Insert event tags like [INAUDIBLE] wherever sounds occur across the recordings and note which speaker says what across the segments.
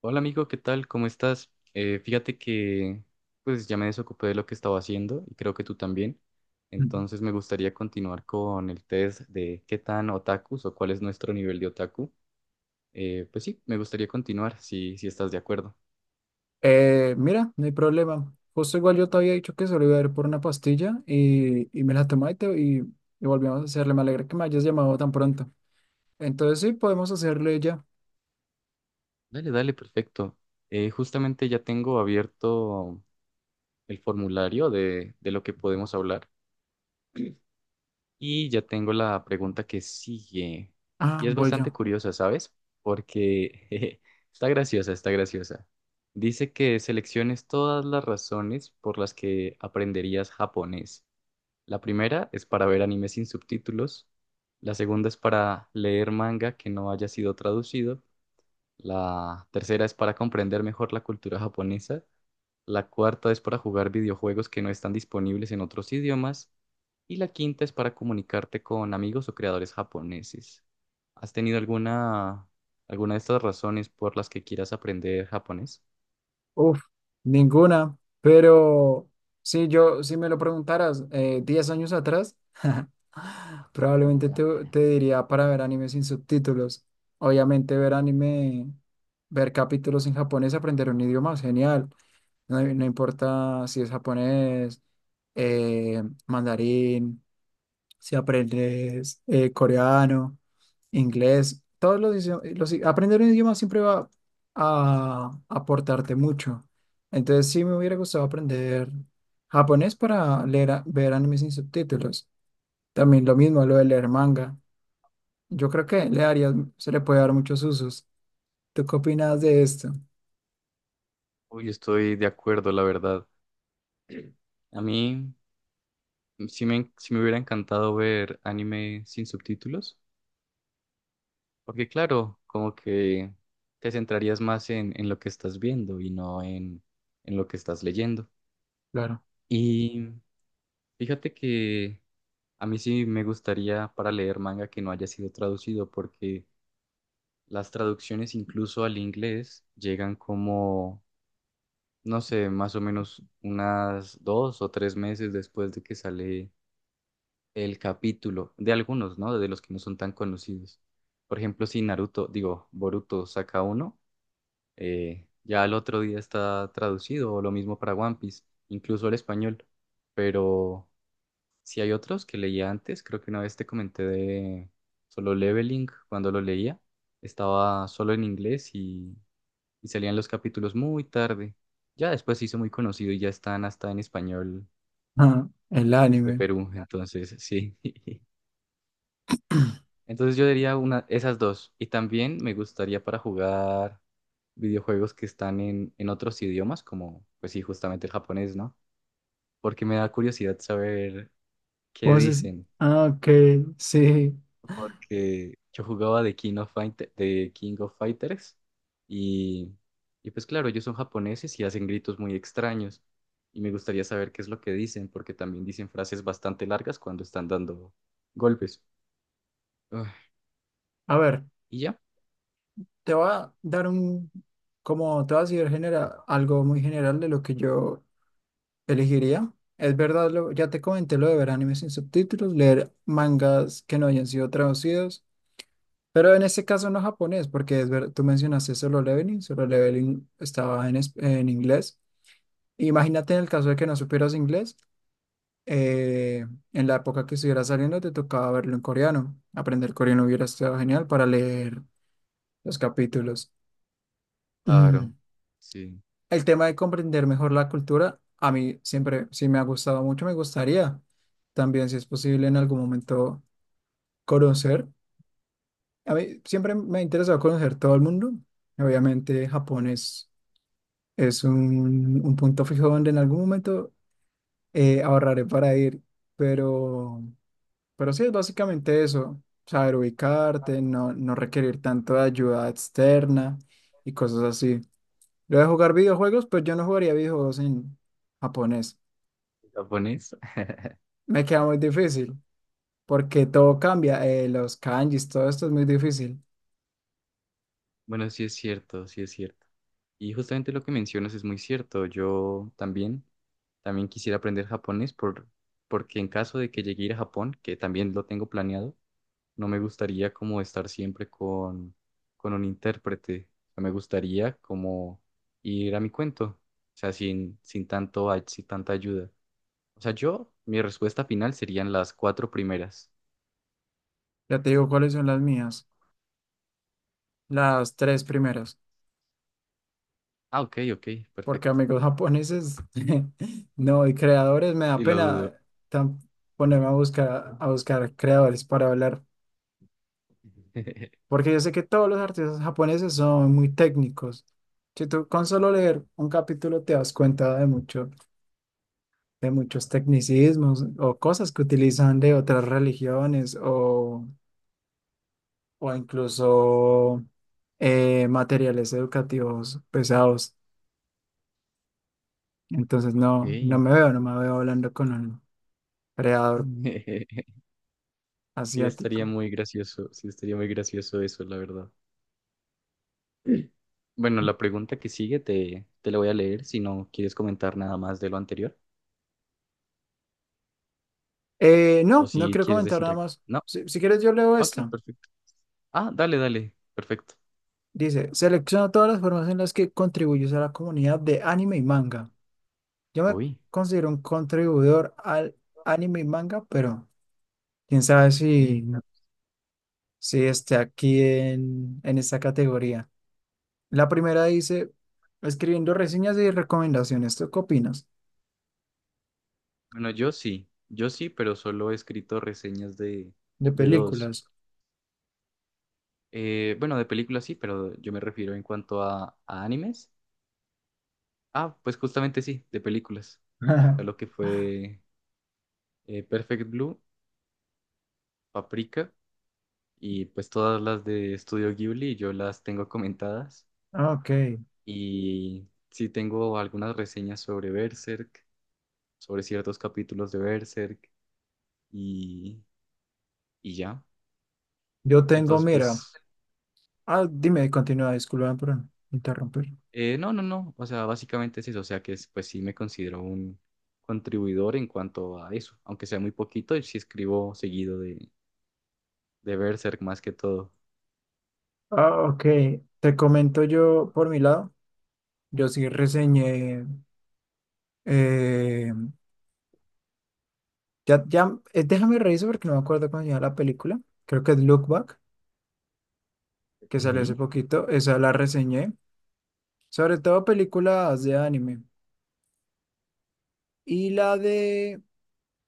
Speaker 1: Hola amigo, ¿qué tal? ¿Cómo estás? Fíjate que pues ya me desocupé de lo que estaba haciendo y creo que tú también.
Speaker 2: Mm.
Speaker 1: Entonces me gustaría continuar con el test de qué tan otakus o cuál es nuestro nivel de otaku. Pues sí, me gustaría continuar si estás de acuerdo.
Speaker 2: Mira, no hay problema. Justo igual yo te había dicho que solo iba a ir por una pastilla y me la tomé y, y volvimos a hacerle. Me alegra que me hayas llamado tan pronto. Entonces sí, podemos hacerle ya.
Speaker 1: Dale, dale, perfecto. Justamente ya tengo abierto el formulario de lo que podemos hablar. Y ya tengo la pregunta que sigue.
Speaker 2: Ah,
Speaker 1: Y es
Speaker 2: voy
Speaker 1: bastante
Speaker 2: yo.
Speaker 1: curiosa, ¿sabes? Porque [LAUGHS] jeje, está graciosa, está graciosa. Dice que selecciones todas las razones por las que aprenderías japonés. La primera es para ver anime sin subtítulos. La segunda es para leer manga que no haya sido traducido. La tercera es para comprender mejor la cultura japonesa. La cuarta es para jugar videojuegos que no están disponibles en otros idiomas. Y la quinta es para comunicarte con amigos o creadores japoneses. ¿Has tenido alguna, alguna de estas razones por las que quieras aprender japonés?
Speaker 2: Uf, ninguna. Pero si me lo preguntaras 10 años atrás, [SIGHS] probablemente te diría para ver anime sin subtítulos. Obviamente ver anime, ver capítulos en japonés, aprender un idioma, genial. No, no importa si es japonés, mandarín, si aprendes coreano, inglés, aprender un idioma siempre va a aportarte mucho. Entonces sí me hubiera gustado aprender japonés para leer, ver animes sin subtítulos. También lo mismo, lo de leer manga. Yo creo que se le puede dar muchos usos. ¿Tú qué opinas de esto?
Speaker 1: Uy, estoy de acuerdo, la verdad. A mí sí me hubiera encantado ver anime sin subtítulos, porque claro, como que te centrarías más en lo que estás viendo y no en lo que estás leyendo.
Speaker 2: Claro.
Speaker 1: Y fíjate que a mí sí me gustaría para leer manga que no haya sido traducido, porque las traducciones incluso al inglés llegan como, no sé, más o menos unas dos o tres meses después de que sale el capítulo, de algunos, ¿no? De los que no son tan conocidos. Por ejemplo, si Naruto, digo, Boruto saca uno, ya al otro día está traducido, o lo mismo para One Piece, incluso al español. Pero si hay otros que leía antes, creo que una vez te comenté de Solo Leveling. Cuando lo leía estaba solo en inglés y salían los capítulos muy tarde. Ya después se hizo muy conocido y ya están hasta en español
Speaker 2: Ah, el
Speaker 1: de
Speaker 2: anime.
Speaker 1: Perú, entonces sí. [LAUGHS] Entonces yo diría una, esas dos. Y también me gustaría para jugar videojuegos que están en otros idiomas, como pues sí, justamente el japonés, ¿no? Porque me da curiosidad saber qué
Speaker 2: Vos es-
Speaker 1: dicen.
Speaker 2: Ah, ok, sí.
Speaker 1: Porque yo jugaba de King of Fighters y, y pues claro, ellos son japoneses y hacen gritos muy extraños y me gustaría saber qué es lo que dicen porque también dicen frases bastante largas cuando están dando golpes. Ah,
Speaker 2: A ver,
Speaker 1: y ya,
Speaker 2: te voy a dar un, como te voy a decir genera, algo muy general de lo que yo elegiría. Es verdad, ya te comenté lo de ver animes sin subtítulos, leer mangas que no hayan sido traducidos, pero en este caso no japonés, porque es ver, tú mencionaste Solo Leveling, Solo Leveling estaba en inglés. Imagínate en el caso de que no supieras inglés, eh, en la época que estuviera saliendo te tocaba verlo en coreano. Aprender coreano hubiera estado genial para leer los capítulos.
Speaker 1: claro,
Speaker 2: Mm.
Speaker 1: sí,
Speaker 2: El tema de comprender mejor la cultura, a mí siempre sí me ha gustado mucho, me gustaría también, si es posible, en algún momento conocer. A mí siempre me ha interesado conocer todo el mundo. Obviamente, es un punto fijo donde en algún momento ahorraré para ir, pero, pero sí es básicamente eso, saber ubicarte, no, no requerir tanto de ayuda externa y cosas así. Yo de jugar videojuegos, pues yo no jugaría videojuegos en japonés.
Speaker 1: japonés. [LAUGHS]
Speaker 2: Me queda muy difícil, porque todo cambia. Los kanjis, todo esto es muy difícil.
Speaker 1: Bueno, sí es cierto, sí es cierto. Y justamente lo que mencionas es muy cierto. Yo también, también quisiera aprender japonés porque en caso de que llegue a ir a Japón, que también lo tengo planeado, no me gustaría como estar siempre con un intérprete. O sea, me gustaría como ir a mi cuento, o sea, sin tanto, sin tanta ayuda. O sea, yo, mi respuesta final serían las cuatro primeras.
Speaker 2: Ya te digo cuáles son las mías, las tres primeras,
Speaker 1: Ah, ok, ok,
Speaker 2: porque
Speaker 1: perfecto.
Speaker 2: amigos japoneses, [LAUGHS] no, y creadores, me da
Speaker 1: Y lo dudo.
Speaker 2: pena tan- ponerme a buscar creadores para hablar,
Speaker 1: [LAUGHS]
Speaker 2: porque yo sé que todos los artistas japoneses son muy técnicos. Si tú con solo leer un capítulo te das cuenta de mucho. De muchos tecnicismos o cosas que utilizan de otras religiones o incluso materiales educativos pesados. Entonces no,
Speaker 1: Ok.
Speaker 2: no me veo hablando con un creador
Speaker 1: [LAUGHS] Sí, estaría
Speaker 2: asiático.
Speaker 1: muy gracioso, sí, estaría muy gracioso eso, la verdad. [CLEARS THROAT] Bueno, la pregunta que sigue te la voy a leer si no quieres comentar nada más de lo anterior
Speaker 2: No,
Speaker 1: o
Speaker 2: no
Speaker 1: si
Speaker 2: quiero
Speaker 1: quieres
Speaker 2: comentar
Speaker 1: decir
Speaker 2: nada
Speaker 1: algo.
Speaker 2: más.
Speaker 1: No,
Speaker 2: Si quieres yo leo
Speaker 1: ok,
Speaker 2: esto.
Speaker 1: perfecto. Ah, dale, dale. Perfecto.
Speaker 2: Dice, selecciona todas las formas en las que contribuyes a la comunidad de anime y manga. Yo me
Speaker 1: Uy.
Speaker 2: considero un contribuidor al anime y manga, pero quién sabe si...
Speaker 1: Mm.
Speaker 2: Sí, está aquí en esta categoría. La primera dice, escribiendo reseñas y recomendaciones. ¿Tú qué opinas?
Speaker 1: Bueno, yo sí, pero solo he escrito reseñas
Speaker 2: De
Speaker 1: de dos.
Speaker 2: películas.
Speaker 1: Bueno, de películas sí, pero yo me refiero en cuanto a animes. Ah, pues justamente sí, de películas. A lo que
Speaker 2: [LAUGHS]
Speaker 1: fue Perfect Blue, Paprika y pues todas las de Studio Ghibli, yo las tengo comentadas.
Speaker 2: Ah, ok.
Speaker 1: Y sí tengo algunas reseñas sobre Berserk, sobre ciertos capítulos de Berserk y, y ya.
Speaker 2: Yo tengo,
Speaker 1: Entonces, pues,
Speaker 2: mira. Ah, dime, continúa, disculpa por interrumpir.
Speaker 1: no, o sea, básicamente es eso, o sea pues sí me considero un contribuidor en cuanto a eso, aunque sea muy poquito y sí escribo seguido de Berserk más que todo.
Speaker 2: Ah, ok. Te comento yo por mi lado. Yo sí reseñé. eh, ya, Déjame revisar porque no me acuerdo cómo se llama la película. Creo que es Look Back, que
Speaker 1: Ok.
Speaker 2: salió hace poquito. Esa la reseñé. Sobre todo películas de anime. Y la de...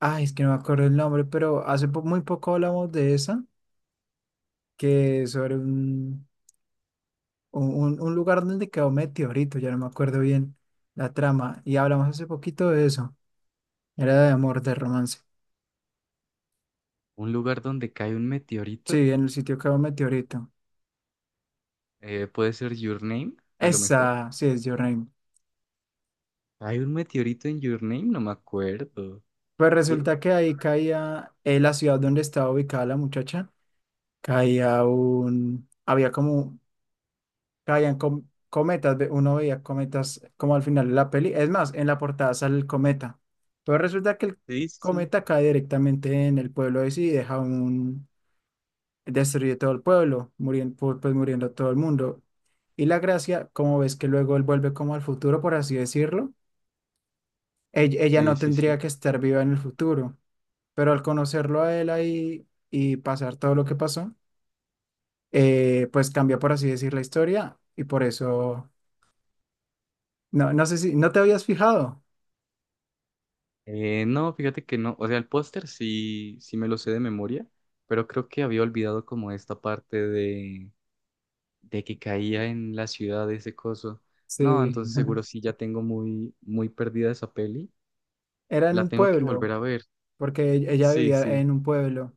Speaker 2: Ay, es que no me acuerdo el nombre, pero muy poco hablamos de esa, que es sobre un lugar donde quedó meteorito, ya no me acuerdo bien la trama. Y hablamos hace poquito de eso. Era de amor, de romance.
Speaker 1: Un lugar donde cae un meteorito,
Speaker 2: Sí, en el sitio quedó meteorito.
Speaker 1: puede ser Your Name, a lo mejor.
Speaker 2: Esa, sí, es Your Name.
Speaker 1: ¿Hay un meteorito en Your Name? No me acuerdo.
Speaker 2: Pues
Speaker 1: ¿Sí?
Speaker 2: resulta que ahí caía, en la ciudad donde estaba ubicada la muchacha, caía un... Había como cometas, uno veía cometas como al final de la peli. Es más, en la portada sale el cometa. Pero resulta que el
Speaker 1: Sí, sí,
Speaker 2: cometa cae directamente en el pueblo de sí y deja un... destruye todo el pueblo, muriendo, pues muriendo todo el mundo. Y la gracia, como ves que luego él vuelve como al futuro, por así decirlo, ella
Speaker 1: sí,
Speaker 2: no
Speaker 1: sí,
Speaker 2: tendría
Speaker 1: sí.
Speaker 2: que estar viva en el futuro, pero al conocerlo a él ahí y pasar todo lo que pasó, pues cambia, por así decir, la historia y por eso no, no sé si, ¿no te habías fijado?
Speaker 1: No, fíjate que no, o sea, el póster sí, sí me lo sé de memoria, pero creo que había olvidado como esta parte de que caía en la ciudad de ese coso. No,
Speaker 2: Sí,
Speaker 1: entonces seguro
Speaker 2: [LAUGHS]
Speaker 1: sí ya tengo muy, muy perdida esa peli.
Speaker 2: era en
Speaker 1: La
Speaker 2: un
Speaker 1: tengo que
Speaker 2: pueblo,
Speaker 1: volver a ver.
Speaker 2: porque ella
Speaker 1: Sí,
Speaker 2: vivía
Speaker 1: sí.
Speaker 2: en un pueblo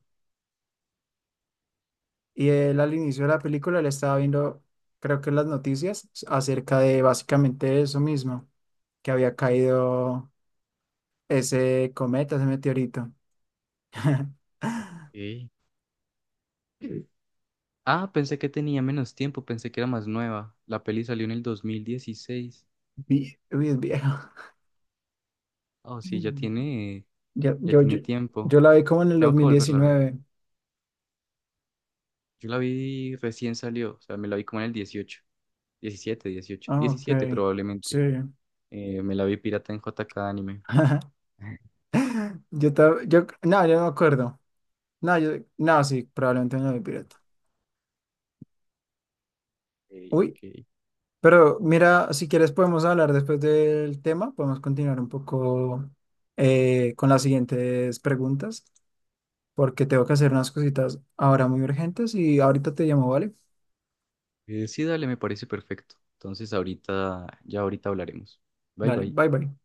Speaker 2: y él al inicio de la película le estaba viendo, creo que acerca de básicamente eso mismo, que había caído ese cometa, ese meteorito. [LAUGHS]
Speaker 1: Ok. Ah, pensé que tenía menos tiempo, pensé que era más nueva. La peli salió en el 2016.
Speaker 2: Uy, es viejo.
Speaker 1: Oh, sí,
Speaker 2: Mm. Yo,
Speaker 1: ya
Speaker 2: yo, yo,
Speaker 1: tiene tiempo.
Speaker 2: yo la vi como en el dos
Speaker 1: Tengo que
Speaker 2: mil
Speaker 1: volverla a ver.
Speaker 2: diecinueve.
Speaker 1: Yo la vi recién salió, o sea, me la vi como en el 18, 17, 18,
Speaker 2: Ah, ok,
Speaker 1: 17
Speaker 2: sí.
Speaker 1: probablemente. Me la vi pirata en JK Anime.
Speaker 2: [LAUGHS]
Speaker 1: [LAUGHS]
Speaker 2: Yo no me acuerdo. No, yo, no, Sí, probablemente no vi pirata.
Speaker 1: Ok,
Speaker 2: Uy,
Speaker 1: ok.
Speaker 2: pero mira, si quieres podemos hablar después del tema, podemos continuar un poco con las siguientes preguntas, porque tengo que hacer unas cositas ahora muy urgentes y ahorita te llamo, ¿vale?
Speaker 1: Sí, dale, me parece perfecto. Entonces ahorita, ya ahorita hablaremos. Bye
Speaker 2: Dale,
Speaker 1: bye.
Speaker 2: bye bye.